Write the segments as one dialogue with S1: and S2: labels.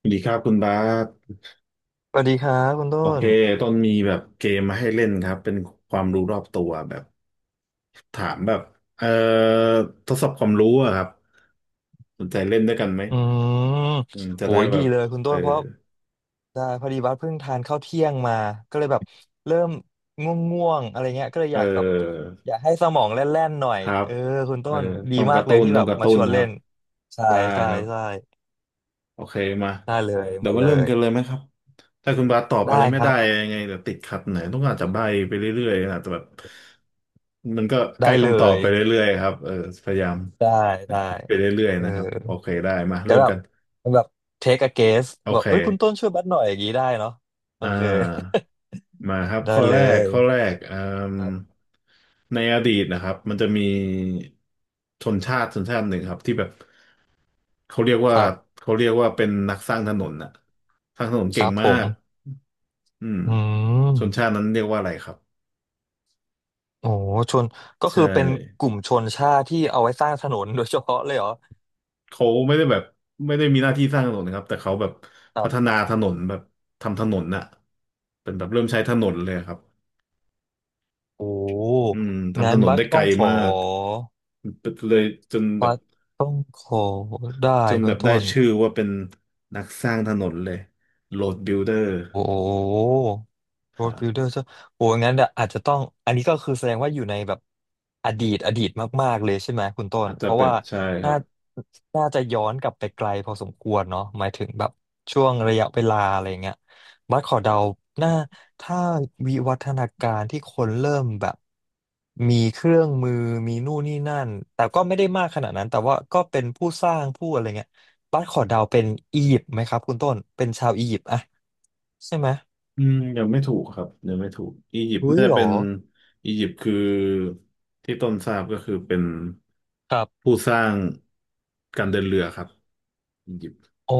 S1: สวัสดีครับคุณบาส
S2: สวัสดีครับคุณต้
S1: โอเค
S2: น
S1: ต้นมีแบบเกมมาให้เล่นครับเป็นความรู้รอบตัวแบบถามแบบเอ่อทดสอบความรู้อะครับสนใจเล่นด้วยกันไหม
S2: อืม
S1: อืมจะ
S2: โห
S1: ได้
S2: ย
S1: แบ
S2: ดี
S1: บ
S2: เลยคุณ
S1: เอ
S2: ต้
S1: อ
S2: นเพราะได้พอดีบัสเพิ่งทานข้าวเที่ยงมาก็เลยแบบเริ่มง่วงๆอะไรเงี้ยก็เลย
S1: เ
S2: อยากแบบ
S1: ออ
S2: อยากให้สมองแล่นๆหน่อย
S1: ครับ
S2: เออคุณ
S1: เอ
S2: ต้
S1: อ
S2: นดี
S1: ต้อง
S2: มากเลยที่แบบ
S1: กระ
S2: มา
S1: ตุ้
S2: ช
S1: น
S2: วน
S1: ครั
S2: เล่
S1: บ
S2: นใช่
S1: ได้
S2: ใช่
S1: ครับ
S2: ใช่
S1: โอเคมา
S2: ได้เลย
S1: เดี๋ยว
S2: มา
S1: มา
S2: เล
S1: เริ่ม
S2: ย
S1: กันเลยไหมครับถ้าคุณบาสตอบอะไร
S2: ได้
S1: ไม่
S2: ครั
S1: ได้
S2: บ
S1: ยังไงเดี๋ยวติดขัดไหนอยต้องอาจจะใบ้ไปเรื่อยๆนะแต่แบบมันก็ใก
S2: ได้
S1: ล้
S2: เล
S1: คำตอบ
S2: ย
S1: ไปเรื่อยๆครับเออพยายาม
S2: ได้ได้
S1: ไปเรื่อย
S2: เอ
S1: ๆนะครับโอ
S2: อ
S1: เคได้มา
S2: เดี๋ย
S1: เริ่
S2: ว
S1: ม
S2: แบบ
S1: กัน
S2: แบบ take a guess
S1: โอ
S2: บอก
S1: เค
S2: เอ้ยคุณต้นช่วยบัสหน่อยอย่างนี้ได้เนาะโอ
S1: อ่
S2: เค
S1: ามาครับ
S2: ได้
S1: ข้อ
S2: เล
S1: แรก
S2: ย
S1: อืม
S2: ครับ
S1: ในอดีตนะครับมันจะมีชนชาติชนชาติหนึ่งครับที่แบบเขาเรียก
S2: ค
S1: ว่า
S2: รับ
S1: เขาเรียกว่าเป็นนักสร้างถนนน่ะสร้างถนน
S2: ค
S1: เก่ง
S2: รับผ
S1: มา
S2: ม
S1: ก อืม
S2: อืม
S1: ชนชาตินั้นเรียกว่าอะไรครับ
S2: โอ้ชนก็
S1: ใช่
S2: คือเป็นกลุ่มชนชาติที่เอาไว้สร้างถนนโดยเฉพาะเลยเหรอ
S1: เขาไม่ได้แบบไม่ได้มีหน้าที่สร้างถนนนะครับแต่เขาแบบ
S2: ครั
S1: พัฒ
S2: บ
S1: นาถนนแบบทำถนนน่ะเป็นแบบเริ่มใช้ถนนเลยครับ
S2: โอ้
S1: อืมทำ
S2: งั้
S1: ถ
S2: น
S1: นน
S2: บัส
S1: ได้ไก
S2: ต้
S1: ล
S2: องขอ
S1: มากเลยจนแบ
S2: บั
S1: บ
S2: สต้องขอได้
S1: จน
S2: คุ
S1: แบ
S2: ณ
S1: บได้
S2: ต้น
S1: ชื่อว่าเป็นนักสร้างถนนเลย Road Builder
S2: โอ้ โร
S1: ค
S2: ด
S1: รับ
S2: บิลเดอร์ใช่โอ้งั้นเดี๋ยวอาจจะต้อง อันนี้ก็คือแสดงว่าอยู่ในแบบอดีตอดีตมากๆเลยใช่ไหมคุณต้น
S1: อาจ
S2: เพ
S1: จะ
S2: ราะ
S1: เป็น
S2: ว่า
S1: ใช่ค
S2: น่า
S1: รับ
S2: น่าจะย้อนกลับไปไกลพอสมควรเนาะหมายถึงแบบช่วงระยะเวลาอะไรเงี้ยบัสขอเดาน่าถ้าวิวัฒนาการที่คนเริ่มแบบมีเครื่องมือมีนู่นนี่นั่น แต่ก็ไม่ได้มากขนาดนั้น แต่ว่าก็เป็นผู้สร้างผู้อะไรเงี้ยบัสขอเดาเป็นอียิปต์ไหมครับคุณต้นเป็นชาวอียิปต์อะใช่ไหม
S1: อืมยังไม่ถูกครับยังไม่ถูกอียิปต์
S2: อุ้
S1: น่า
S2: ย
S1: จะ
S2: เหร
S1: เป็
S2: อ
S1: นอียิปต์คือที่ต้นทราบก็คือเป็น
S2: ครับ
S1: ผู้สร้างการเดินเรือครับอียิปต์
S2: โอ้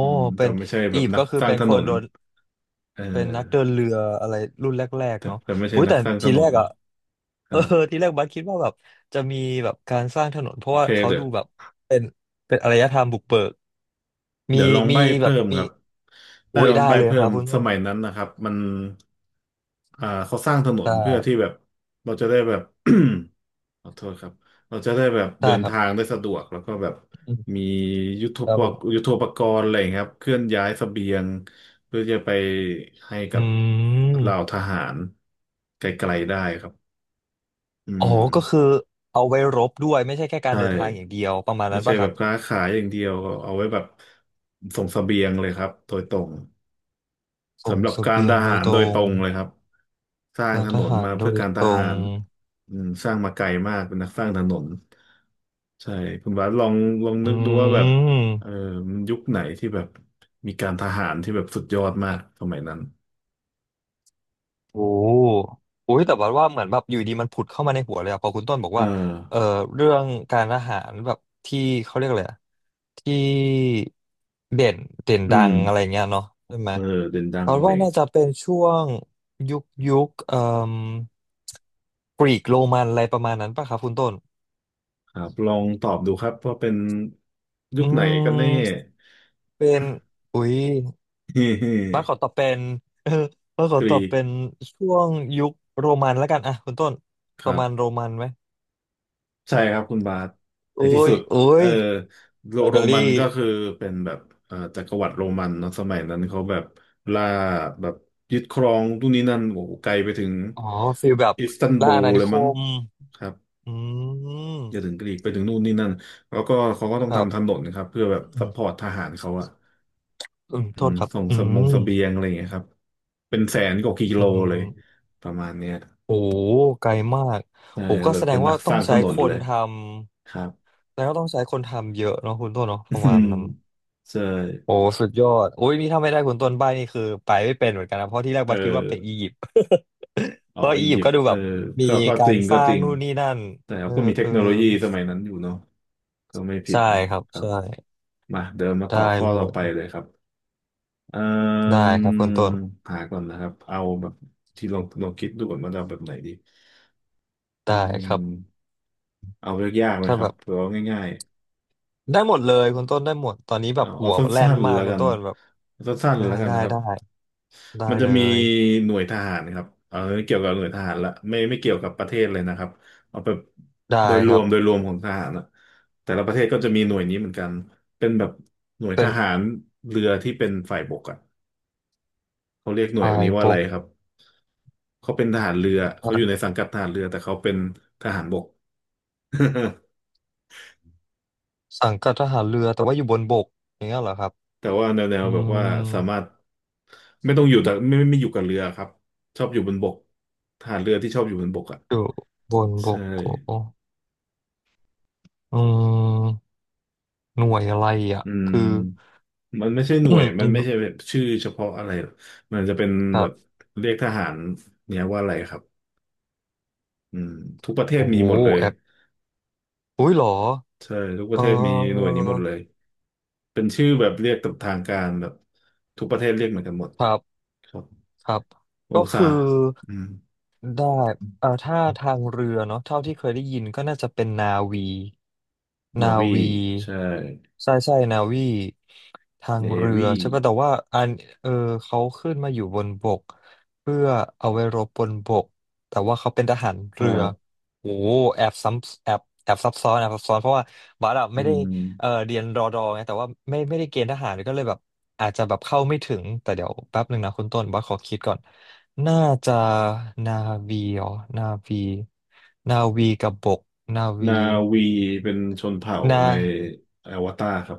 S1: อืมแต่
S2: เป็น
S1: ไม่ใช่แบ
S2: อี
S1: บ
S2: ยิปต์
S1: นัก
S2: ก็คือ
S1: สร้าง
S2: เป็น
S1: ถ
S2: ค
S1: น
S2: น
S1: น
S2: โดน
S1: เอ
S2: เป็นนักเดิน
S1: อ
S2: เรืออะไรรุ่นแรก
S1: แต่
S2: ๆเนาะ
S1: แต่ไม่ใช่
S2: อุ้ย
S1: นัก
S2: แต่
S1: สร้างถ
S2: ที
S1: น
S2: แร
S1: น
S2: กอะ
S1: ค
S2: เอ
S1: รั
S2: อ
S1: บ
S2: ทีแรกบัสคิดว่าแบบจะมีแบบการสร้างถนนเพ
S1: โอ
S2: ราะว่า
S1: เค
S2: เขาดูแบบเป็นเป็นอารยธรรมบุกเบิกมี
S1: เดี๋ยวลอง
S2: มี
S1: ใบ้
S2: แบ
S1: เพิ่
S2: บ
S1: ม
S2: มี
S1: ครับได้
S2: อุ้ย
S1: ลอง
S2: ได้
S1: ใบ้
S2: เลย
S1: เพิ่
S2: ครั
S1: ม
S2: บคุณ
S1: ส
S2: ต้น
S1: มัยนั้นนะครับมันอ่าเขาสร้างถนนเพื่อที่
S2: ได้
S1: แบบเราจะได้แบบ ขอโทษครับ เราจะได้แบบเดิ
S2: ได้
S1: น
S2: ครับ
S1: ทางได้สะดวกแล้วก็แบบ
S2: อื
S1: มี
S2: มครับผม
S1: ยุทโธปกรณ์อะไรอย่างเงี้ยครับ เคลื่อนย้ายเสบียงเพื่อจะไปให้
S2: อื
S1: กับเหล่า
S2: ม
S1: ทหารไกลๆได้ครับอื
S2: อ๋อ
S1: ม
S2: ก็คือเอาไว้รบด้วยไม่ใช่แค่การ
S1: ใช่
S2: เดินทางอย่างเดียวประมาณ
S1: ไม่
S2: นั้น
S1: ใช่
S2: ป่ะค
S1: แบ
S2: รั
S1: บ
S2: บ
S1: ค้าขายอย่างเดียวเอาไว้แบบส่งเสบียงเลยครับโดยตรง
S2: ส่ง
S1: สำหรับ
S2: เส
S1: การ
S2: บีย
S1: ท
S2: งโด
S1: หา
S2: ย
S1: ร
S2: ตร
S1: โดยต
S2: ง
S1: รงเลยครับสร้าง
S2: กา
S1: ถ
S2: รท
S1: นน
S2: หาร
S1: มา
S2: โด
S1: เพื่อ
S2: ย
S1: การท
S2: ตร
S1: หา
S2: ง
S1: รอืมสร้างมาไกลมากเป็นนักสร้างถนนใช่คุณบาสลอง
S2: อื
S1: นึกดูว่าแบบเออ
S2: ม
S1: มันยุคไหนที่แบบมีการทหารที่แบบสุดยอดมากสมัยนั้น
S2: โอ้โอ้ยแต่บัว่าเหมือนแบบอยู่ดีมันผุดเข้ามาในหัวเลยอะพอคุณต้นบอก
S1: อ่
S2: ว่าเอ่อ
S1: า
S2: เรื่องการทหารแบบที่เขาเรียกอะไรอะที่เด่นเด่น
S1: อื
S2: ดั
S1: ม
S2: งอะไรเงี้ยเนาะใช่ไหม
S1: เออเด่นดั
S2: เพ
S1: ง
S2: ราะ
S1: เล
S2: ว่า
S1: ย
S2: น่าจะเป็นช่วงยุคยุคเอ่มกรีกโรมันอะไรประมาณนั้นป่ะครับคุณต้น
S1: ครับลองตอบดูครับว่าเป็นยุ
S2: อื
S1: คไหนกันแน่
S2: มเป็นอุ๊ย บ้าน ขอตอบเป็น เออบ้านข
S1: ก
S2: อ
S1: รี
S2: ตอบเป็น
S1: ก
S2: ช่วงยุคโรมันแล้วกันอ่ะคุณต้น
S1: ค
S2: ป
S1: รั
S2: ระมาณ
S1: บ
S2: โรมันไหม
S1: ใช่ครับคุณบาสใน
S2: โอ้
S1: ที่
S2: ย
S1: สุด
S2: โอ้
S1: เออ
S2: ย
S1: โ
S2: อิ
S1: ร
S2: ตาลี
S1: มันก็คือเป็นแบบจักรวรรดิโรมันเนาะสมัยนั้นเขาแบบล่าแบบยึดครองทุกนนี้นั่นโอ้โหไกลไปถึง
S2: อ๋อฟีลแบบ
S1: อิสตัน
S2: ล่า
S1: บู
S2: อาณา
S1: ล
S2: นิ
S1: เลย
S2: ค
S1: มั้ง
S2: ม
S1: ครับ
S2: อืม
S1: อย่าถึงกรีกไปถึงนู่นนี่นั่นแล้วก็เขาก็ต้อ
S2: ค
S1: ง
S2: รับ
S1: ทำถนนครับเพื่อแบบ
S2: อื
S1: ซัพ
S2: ม
S1: พอร์ตทหารเขาอะ
S2: อืม
S1: อื
S2: โท
S1: ม
S2: ษครับ
S1: ส่ง
S2: อื
S1: สมงเส
S2: ม
S1: บียงอะไรอย่างเงี้ยครับเป็นแสนกว่ากิ
S2: อื
S1: โลเลย
S2: ม
S1: ประมาณเนี้ย
S2: โอ้ไกลมาก
S1: ใช่
S2: โอ้ก็
S1: เลย
S2: แสด
S1: เป็
S2: ง
S1: นนั
S2: ว่า
S1: กส
S2: ต้อง
S1: ร้างถ
S2: ใช้
S1: น
S2: ค
S1: นเล
S2: น
S1: ย
S2: ท
S1: ครั
S2: ำ
S1: บ
S2: แสดงว่าต้องใช้คนทำเยอะเนาะคุณต้นเนาะ ป
S1: อื
S2: ระมาณ
S1: ม
S2: นั้น
S1: ใช่
S2: โอ้สุดยอดโอ้ยนี่ถ้าไม่ได้คุณต้นใบนี่คือไปไม่เป็นเหมือนกันนะเพราะที่แรก
S1: เ
S2: บัสคิดว่าเป็นอี
S1: ออ
S2: ยิปต์
S1: อ๋อ
S2: เพราะ
S1: อี
S2: อียิป
S1: ยิ
S2: ต์
S1: ป
S2: ก็
S1: ต์
S2: ดู
S1: เอ
S2: แบ
S1: อ
S2: บมี
S1: ก็
S2: กา
S1: จ
S2: ร
S1: ริง
S2: สร้างนู่นนี่นั่น
S1: แต่
S2: เอ
S1: เขา
S2: อ
S1: ก็มีเท
S2: เอ
S1: ค
S2: อ
S1: โนโลยีสมัยนั้นอยู่เนาะก็ไม่ผิด
S2: ใช่
S1: นะครับ
S2: ครับ
S1: ครับ
S2: ใช่
S1: มา
S2: ได้
S1: ต่อข้อ
S2: เล
S1: ต่อไป
S2: ย
S1: เลยครับเอ่
S2: ได้
S1: ม
S2: ครับคุณต้น
S1: หาก่อนนะครับเอาแบบที่ลองคิดดูก่อนว่าจะเอาแบบไหนดีอื
S2: ได้ครับ
S1: มเอาเรื่องยากไหม
S2: ถ้า
S1: ครั
S2: แบ
S1: บ
S2: บ
S1: หรือว่าง่าย
S2: ได้หมดเลยคุณต้นได้หมดตอนนี้แบ
S1: เอา
S2: บหัว
S1: สั
S2: แล่
S1: ้
S2: น
S1: นๆ
S2: มาก
S1: แล้ว
S2: คุณ
S1: กัน
S2: ต้นแบบ
S1: เอาสั้นๆ
S2: ได้
S1: แล้วกัน
S2: ได้
S1: นะครับ
S2: ได้ได้
S1: มันจะ
S2: เล
S1: มี
S2: ย
S1: หน่วยทหารครับเอาเกี่ยวกับหน่วยทหารละไม่เกี่ยวกับประเทศเลยนะครับเอาแบบ
S2: ได้
S1: โดยร
S2: ครั
S1: วม
S2: บ
S1: ของทหารอะแต่ละประเทศก็จะมีหน่วยนี้เหมือนกันเป็นแบบหน่วยท
S2: เป็น
S1: หารเรือที่เป็นฝ่ายบกอะเขาเรียกหน่วย
S2: พาย
S1: นี้ว่า
S2: บ
S1: อะไร
S2: ก
S1: ครับเขาเป็นทหารเรือเขาอยู่ใน
S2: อ่ะ
S1: สังกัดทหารเรือแต่เขาเป็นทหารบก
S2: สังกัดทหารเรือแต่ว่าอยู่บนบกอย่างเงี้ยเหรอครับ
S1: แต่ว่าแนว
S2: อื
S1: แบบว่า
S2: ม
S1: สามารถไม่ต้องอยู่แต่ไม่ไม่ไม่อยู่กับเรือครับชอบอยู่บนบกทหารเรือที่ชอบอยู่บนบกอ่ะ
S2: อยู่บนบ
S1: ใช่
S2: กโอ้ อืมหน่วยอะไรอ่ะ
S1: อื
S2: คือ
S1: มมันไม่ใช่ห น่
S2: อื
S1: วย
S2: ม
S1: มั
S2: อื
S1: น
S2: ม
S1: ไม่ใช่แบบชื่อเฉพาะอะไรหรอกมันจะเป็น
S2: ค
S1: แบ
S2: รั
S1: บ
S2: บ
S1: เรียกทหารเนี่ยว่าอะไรครับอืมทุกประเทศ
S2: โอ้
S1: มี
S2: โห
S1: หมดเลย
S2: แอปอุ้ยเหรอ
S1: ใช่ทุกป
S2: เอ
S1: ระเทศมีหน่ว
S2: อ
S1: ยนี้หมดเลยเป็นชื่อแบบเรียกตามทางการแบบทุกประเทศเรียกเหมือนกันหมด
S2: ครับ
S1: ครับ
S2: ครับ
S1: โอ
S2: ก็
S1: ซา
S2: คือ
S1: อืม
S2: ได้ถ้าทางเรือเนาะเท่าที่เคยได้ยินก็น่าจะเป็นนาวี
S1: นา
S2: นา
S1: วี
S2: วี
S1: ใช่
S2: ใช่ใช่นาวีทาง
S1: เน
S2: เรือ
S1: วี
S2: ใช่ป่ะแต่ว่าอันเออเขาขึ้นมาอยู่บนบกเพื่อเอาไว้รบบนบกแต่ว่าเขาเป็นทหารเรือ
S1: อ่า
S2: โอ้โหแอบซ้ำแอบแอบซับซ้อนแอบซับซ้อนเพราะว่าบาร์ด
S1: อื
S2: ไม่ได้เออ
S1: ม
S2: เรียนรอดอไงแต่ว่าไม่ไม่ได้เกณฑ์ทหารก็เลยแบบอาจจะแบบเข้าไม่ถึงแต่เดี๋ยวแป๊บหนึ่งนะคุณต้นบาร์ขอคิดก่อน น่าจะนาวีอ๋อนาวีนาวีกับบกนาวี
S1: นาวีเป็นชนเผ่า
S2: นา
S1: ในอวตารครับ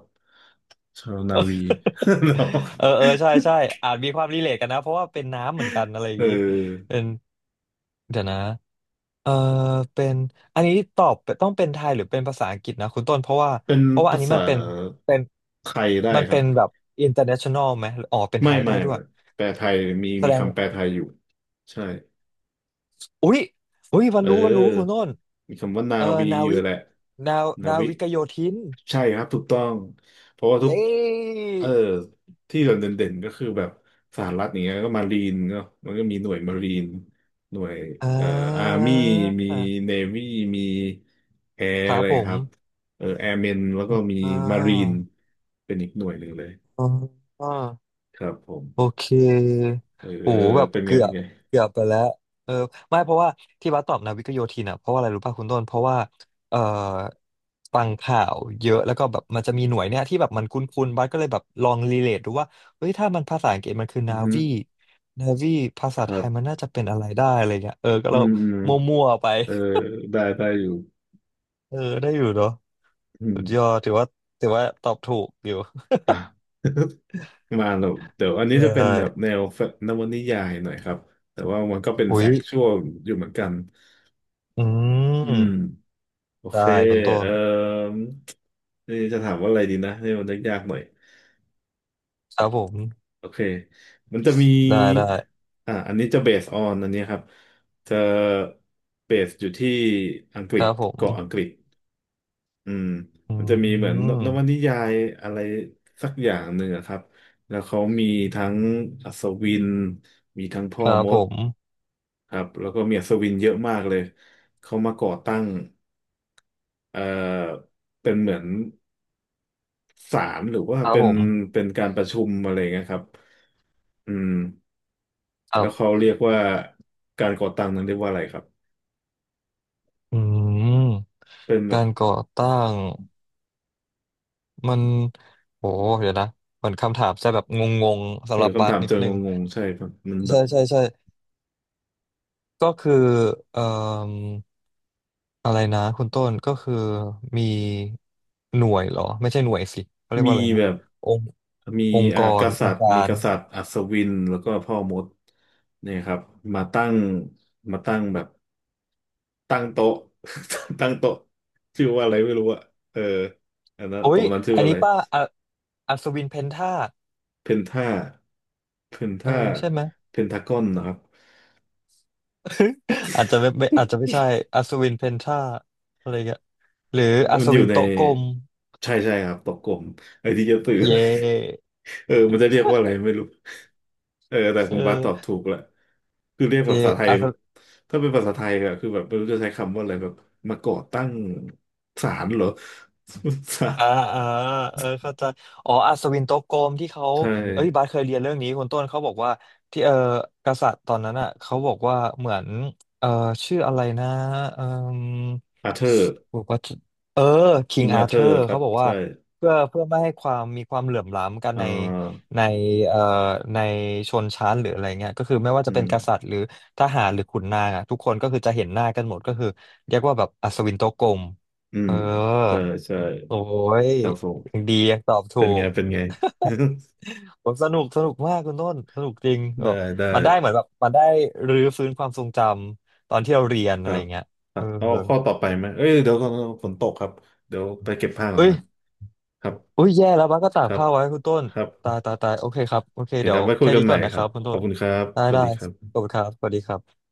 S1: ชาวนาวี เนาะ
S2: เออเออใช่ใช่อาจมีความรีเลทกันนะเพราะว่าเป็นน้ำเหมือนกันอะไรอย่า
S1: เอ
S2: งนี้
S1: อ
S2: เป็นเดี๋ยวนะเออเป็นอันนี้ตอบต้องเป็นไทยหรือเป็นภาษาอังกฤษนะคุณต้นเพราะว่า
S1: เป็น
S2: เพราะว่าอั
S1: ภา
S2: นนี้
S1: ษา
S2: มันเป็นเป็น
S1: ไทยได้
S2: มัน
S1: ครั
S2: เป็
S1: บ
S2: นแบบ international ไหมอ๋อเป็นไทยได้ด้ว
S1: ไม่
S2: ย
S1: แปลไทย
S2: แส
S1: มี
S2: ดง
S1: คำแปลไทยอยู่ใช่
S2: อุ๊ยอุ๊ยวั
S1: เ
S2: นรู้วันรู้คุณ
S1: ออ
S2: ต้น
S1: มีคำว่านา
S2: เออ
S1: วี
S2: นา
S1: อยู่
S2: วิก
S1: แหละ
S2: นา
S1: นา
S2: นา
S1: วิ
S2: วิกโยธิน
S1: ใช่ครับถูกต้อง เพราะว่า
S2: เย
S1: ทุก
S2: ้
S1: เออที่เราเด่นๆก็คือแบบสหรัฐอย่างเงี้ยก็มารีนเนาะมันก็มีหน่วยมารีน หน่วย
S2: อ่
S1: เอ่ออา
S2: า
S1: ร์มี่มีเนวี่มีแอร์
S2: ค
S1: อะ
S2: รับ
S1: ไร
S2: ผม
S1: ครับ เออแอร์เมนแล้วก็มี
S2: อ่
S1: มารีน
S2: า
S1: เป็นอีกหน่วยหนึ่งเลย
S2: อ่า
S1: ครับผม
S2: โอเค
S1: เออ
S2: โห แบบ
S1: เป็นไง
S2: เกือ
S1: เป็น
S2: บ
S1: ไง
S2: เกือบไปแล้วเออไม่เพราะว่าที่บัสตอบนาวิกโยธินอ่ะเพราะว่าอะไรรู้ป่ะคุณต้น เพราะว่าเอ่อฟังข่าวเยอะแล้วก็แบบมันจะมีหน่วยเนี่ยที่แบบมันคุ้นๆบัสก็เลยแบบลองรีเลทดูว่า เฮ้ยถ้ามันภาษาอังกฤษมันคือ
S1: อื
S2: นา
S1: อฮึ
S2: วีนาวีภา
S1: ค
S2: ษาไท
S1: รั
S2: ยมั
S1: บ
S2: นน่าจะเป็นอะไรได้อะไรเงี้ยเออก็
S1: อื
S2: เรา
S1: มอืม
S2: มั่วๆไป
S1: เออได้อยู่
S2: เออได้อยู่เนาะ
S1: อื
S2: สุ
S1: ม
S2: ดยอดถือว่าถือว่าตอบถูกอยู่
S1: อ่ะ มาหนูเดี๋ยวอัน
S2: ใช
S1: นี้จะเป็นแบบ
S2: ่
S1: แนวนวนิยายหน่อยครับแต่ว่ามันก็เป็นแฟ
S2: อุ้ย
S1: กชวลอยู่เหมือนกัน
S2: อื
S1: อืม
S2: ม
S1: โอเค
S2: ได้คุณต้
S1: เอ่
S2: น
S1: อนี่จะถามว่าอะไรดีนะนี่มันยากๆหน่อย
S2: ครับผม
S1: โอเคมันจะมี
S2: ได้ได้
S1: อ่าอันนี้จะเบสออนอันนี้ครับจะเบสอยู่ที่อังก
S2: ค
S1: ฤษ
S2: รับผม
S1: เกาะอังกฤษ อืม
S2: อื
S1: มันจะมีเหมือนนวนิ
S2: ม
S1: ยายอะไรสักอย่างหนึ่งอะครับแล้วเขามีทั้งอัศวินมีทั้งพ่
S2: ค
S1: อ
S2: รับ
S1: ม
S2: ผ
S1: ด
S2: ม
S1: ครับแล้วก็มีอัศวินเยอะมากเลยเขามาก่อตั้งเอ่อเป็นเหมือนศาลหรือว่า
S2: ครับ
S1: เป็
S2: ผ
S1: น
S2: ม
S1: เป็นการประชุมอะไรเงี้ยครับอืม
S2: ครั
S1: แล้วเขา
S2: บ
S1: เรียกว่าการก่อตั้งนั้นเรียกว่าอะไรครับ
S2: อืม
S1: เป็นแบ
S2: กา
S1: บ
S2: รก่อตั้งมันโหเดี๋ยวนะเหมือนคำถามจะแบบงงๆ
S1: เอ
S2: สำ
S1: อ
S2: หรับบา
S1: คำ
S2: ส
S1: ถาม
S2: นิ
S1: เจ
S2: ด
S1: อ
S2: นึง
S1: งงๆใช่ครับมันแบ
S2: ใช่
S1: บ
S2: ใช่ใช่ก็คือเอ่ออะไรนะคุณต้นก็คือมีหน่วยเหรอไม่ใช่หน่วยสิเขาเรียกว่า
S1: มี
S2: อะไรนะ
S1: แบบ
S2: องค์
S1: มี
S2: องค์ก
S1: อ่าก
S2: รอ
S1: ษั
S2: ง
S1: ตริ
S2: ค์
S1: ย์
S2: กา
S1: มี
S2: ร
S1: กษัตริย์อัศวินแล้วก็พ่อมดเนี่ยครับมาตั้งมาตั้งแบบตั้งโต๊ะ ตั้งโต๊ะชื่อว่าอะไรไม่รู้อะเอออันนั้น
S2: โอ้ย
S1: โต๊ะนั้นชื่อ
S2: อัน
S1: ว่าอะ
S2: นี้
S1: ไร
S2: ป้าอะอัศวินเพนท่า
S1: เพนท่าเพน
S2: เออ
S1: ท่า
S2: ใช่ไหม
S1: เพนทากอนนะครับ
S2: อาจจะไม่อาจจะไม่ใช่อัศวินเพนทราอะไรเงี้ยหรืออั
S1: มัน
S2: ศ
S1: อยู่
S2: วิน
S1: ใน
S2: โต๊ะกลม
S1: ใช่ใช่ครับตกกลมไอ้ที่จะตื่อ
S2: เย่
S1: เออมันจะเรียกว่าอะไรไม่รู้เออแต่
S2: เอ
S1: คุณบาสตอบ
S2: อ
S1: ถูกละคือเรียกภา
S2: เย่
S1: ษาไทย
S2: อัศ
S1: ถ้าเป็นภาษาไทยอะคือแบบไม่รู้จะใช้คำว่าอะไรแบบมาก่อตั้งศาลเหรอ ศาล
S2: อ่าอ่าเออเข้าใจอ๋ออัศวินโต๊ะกลมที่เขา
S1: ใช่
S2: เอ้ยบาสเคยเรียนเรื่องนี้คุณต้นเขาบอกว่าที่เออกษัตริย์ตอนนั้นอ่ะเขาบอกว่าเหมือนเออชื่ออะไรนะเออ
S1: อาเธอร์
S2: บอกว่าเออคิ
S1: กิ
S2: ง
S1: ง
S2: อา
S1: อาเธ
S2: เธ
S1: อ
S2: อ
S1: ร์
S2: ร์
S1: ครั
S2: เขา
S1: บ
S2: บอกว่า
S1: ใช่
S2: เพื่อไม่ให้ความมีความเหลื่อมล้ำกัน
S1: อ่
S2: ใน
S1: า
S2: ในเอ่อในชนชั้นหรืออะไรเงี้ยก็คือไม่ว่า
S1: อื
S2: จะเป็
S1: ม
S2: นกษัตริย์หรือทหารหรือขุนนางอะทุกคนก็คือจะเห็นหน้ากันหมดก็คือเรียกว่าแบบอัศวินโต๊ะกลม
S1: อื
S2: เอ
S1: ม
S2: อ
S1: ใช่ใช่
S2: โอ้ย
S1: ครับผม
S2: ยังดียังตอบถู
S1: เป็นไง
S2: ก
S1: เป็นไง
S2: ผมสนุกสนุกมากคุณต้นสนุกจริงแบ
S1: ได้
S2: บ
S1: ได้
S2: มันได้เหมือนแบบมันได้รื้อฟื้นความทรงจำตอนที่เราเรียน
S1: ค
S2: อะ
S1: รั
S2: ไร
S1: บ
S2: เงี้ย
S1: ครั
S2: เออ
S1: บเอาข้อต่อไปไหมเอ้ยเดี๋ยวก่อนฝนตกครับ เดี๋ยวไปเก็บผ้าก่อน
S2: เอ้ย
S1: นะครับ ครับ
S2: อุ้ยแย่แล้วบ้าสก็ตา
S1: ค
S2: ก
S1: รับ
S2: ผ้าไว้คุณต้น
S1: ครับ
S2: ตายตายตายโอเคครับโอเค
S1: โอเค
S2: เดี๋
S1: ค
S2: ย
S1: รั
S2: ว
S1: บไว้คุย
S2: แค่
S1: กัน
S2: นี้
S1: ให
S2: ก่
S1: ม่
S2: อนนะ
S1: ค
S2: ค
S1: รั
S2: รั
S1: บ
S2: บคุณ
S1: ข
S2: ต้
S1: อบ
S2: น
S1: คุณครับ
S2: ได้
S1: สวัส
S2: ได้
S1: ดีครับ
S2: ขอบคุณครับสวัสดีครับ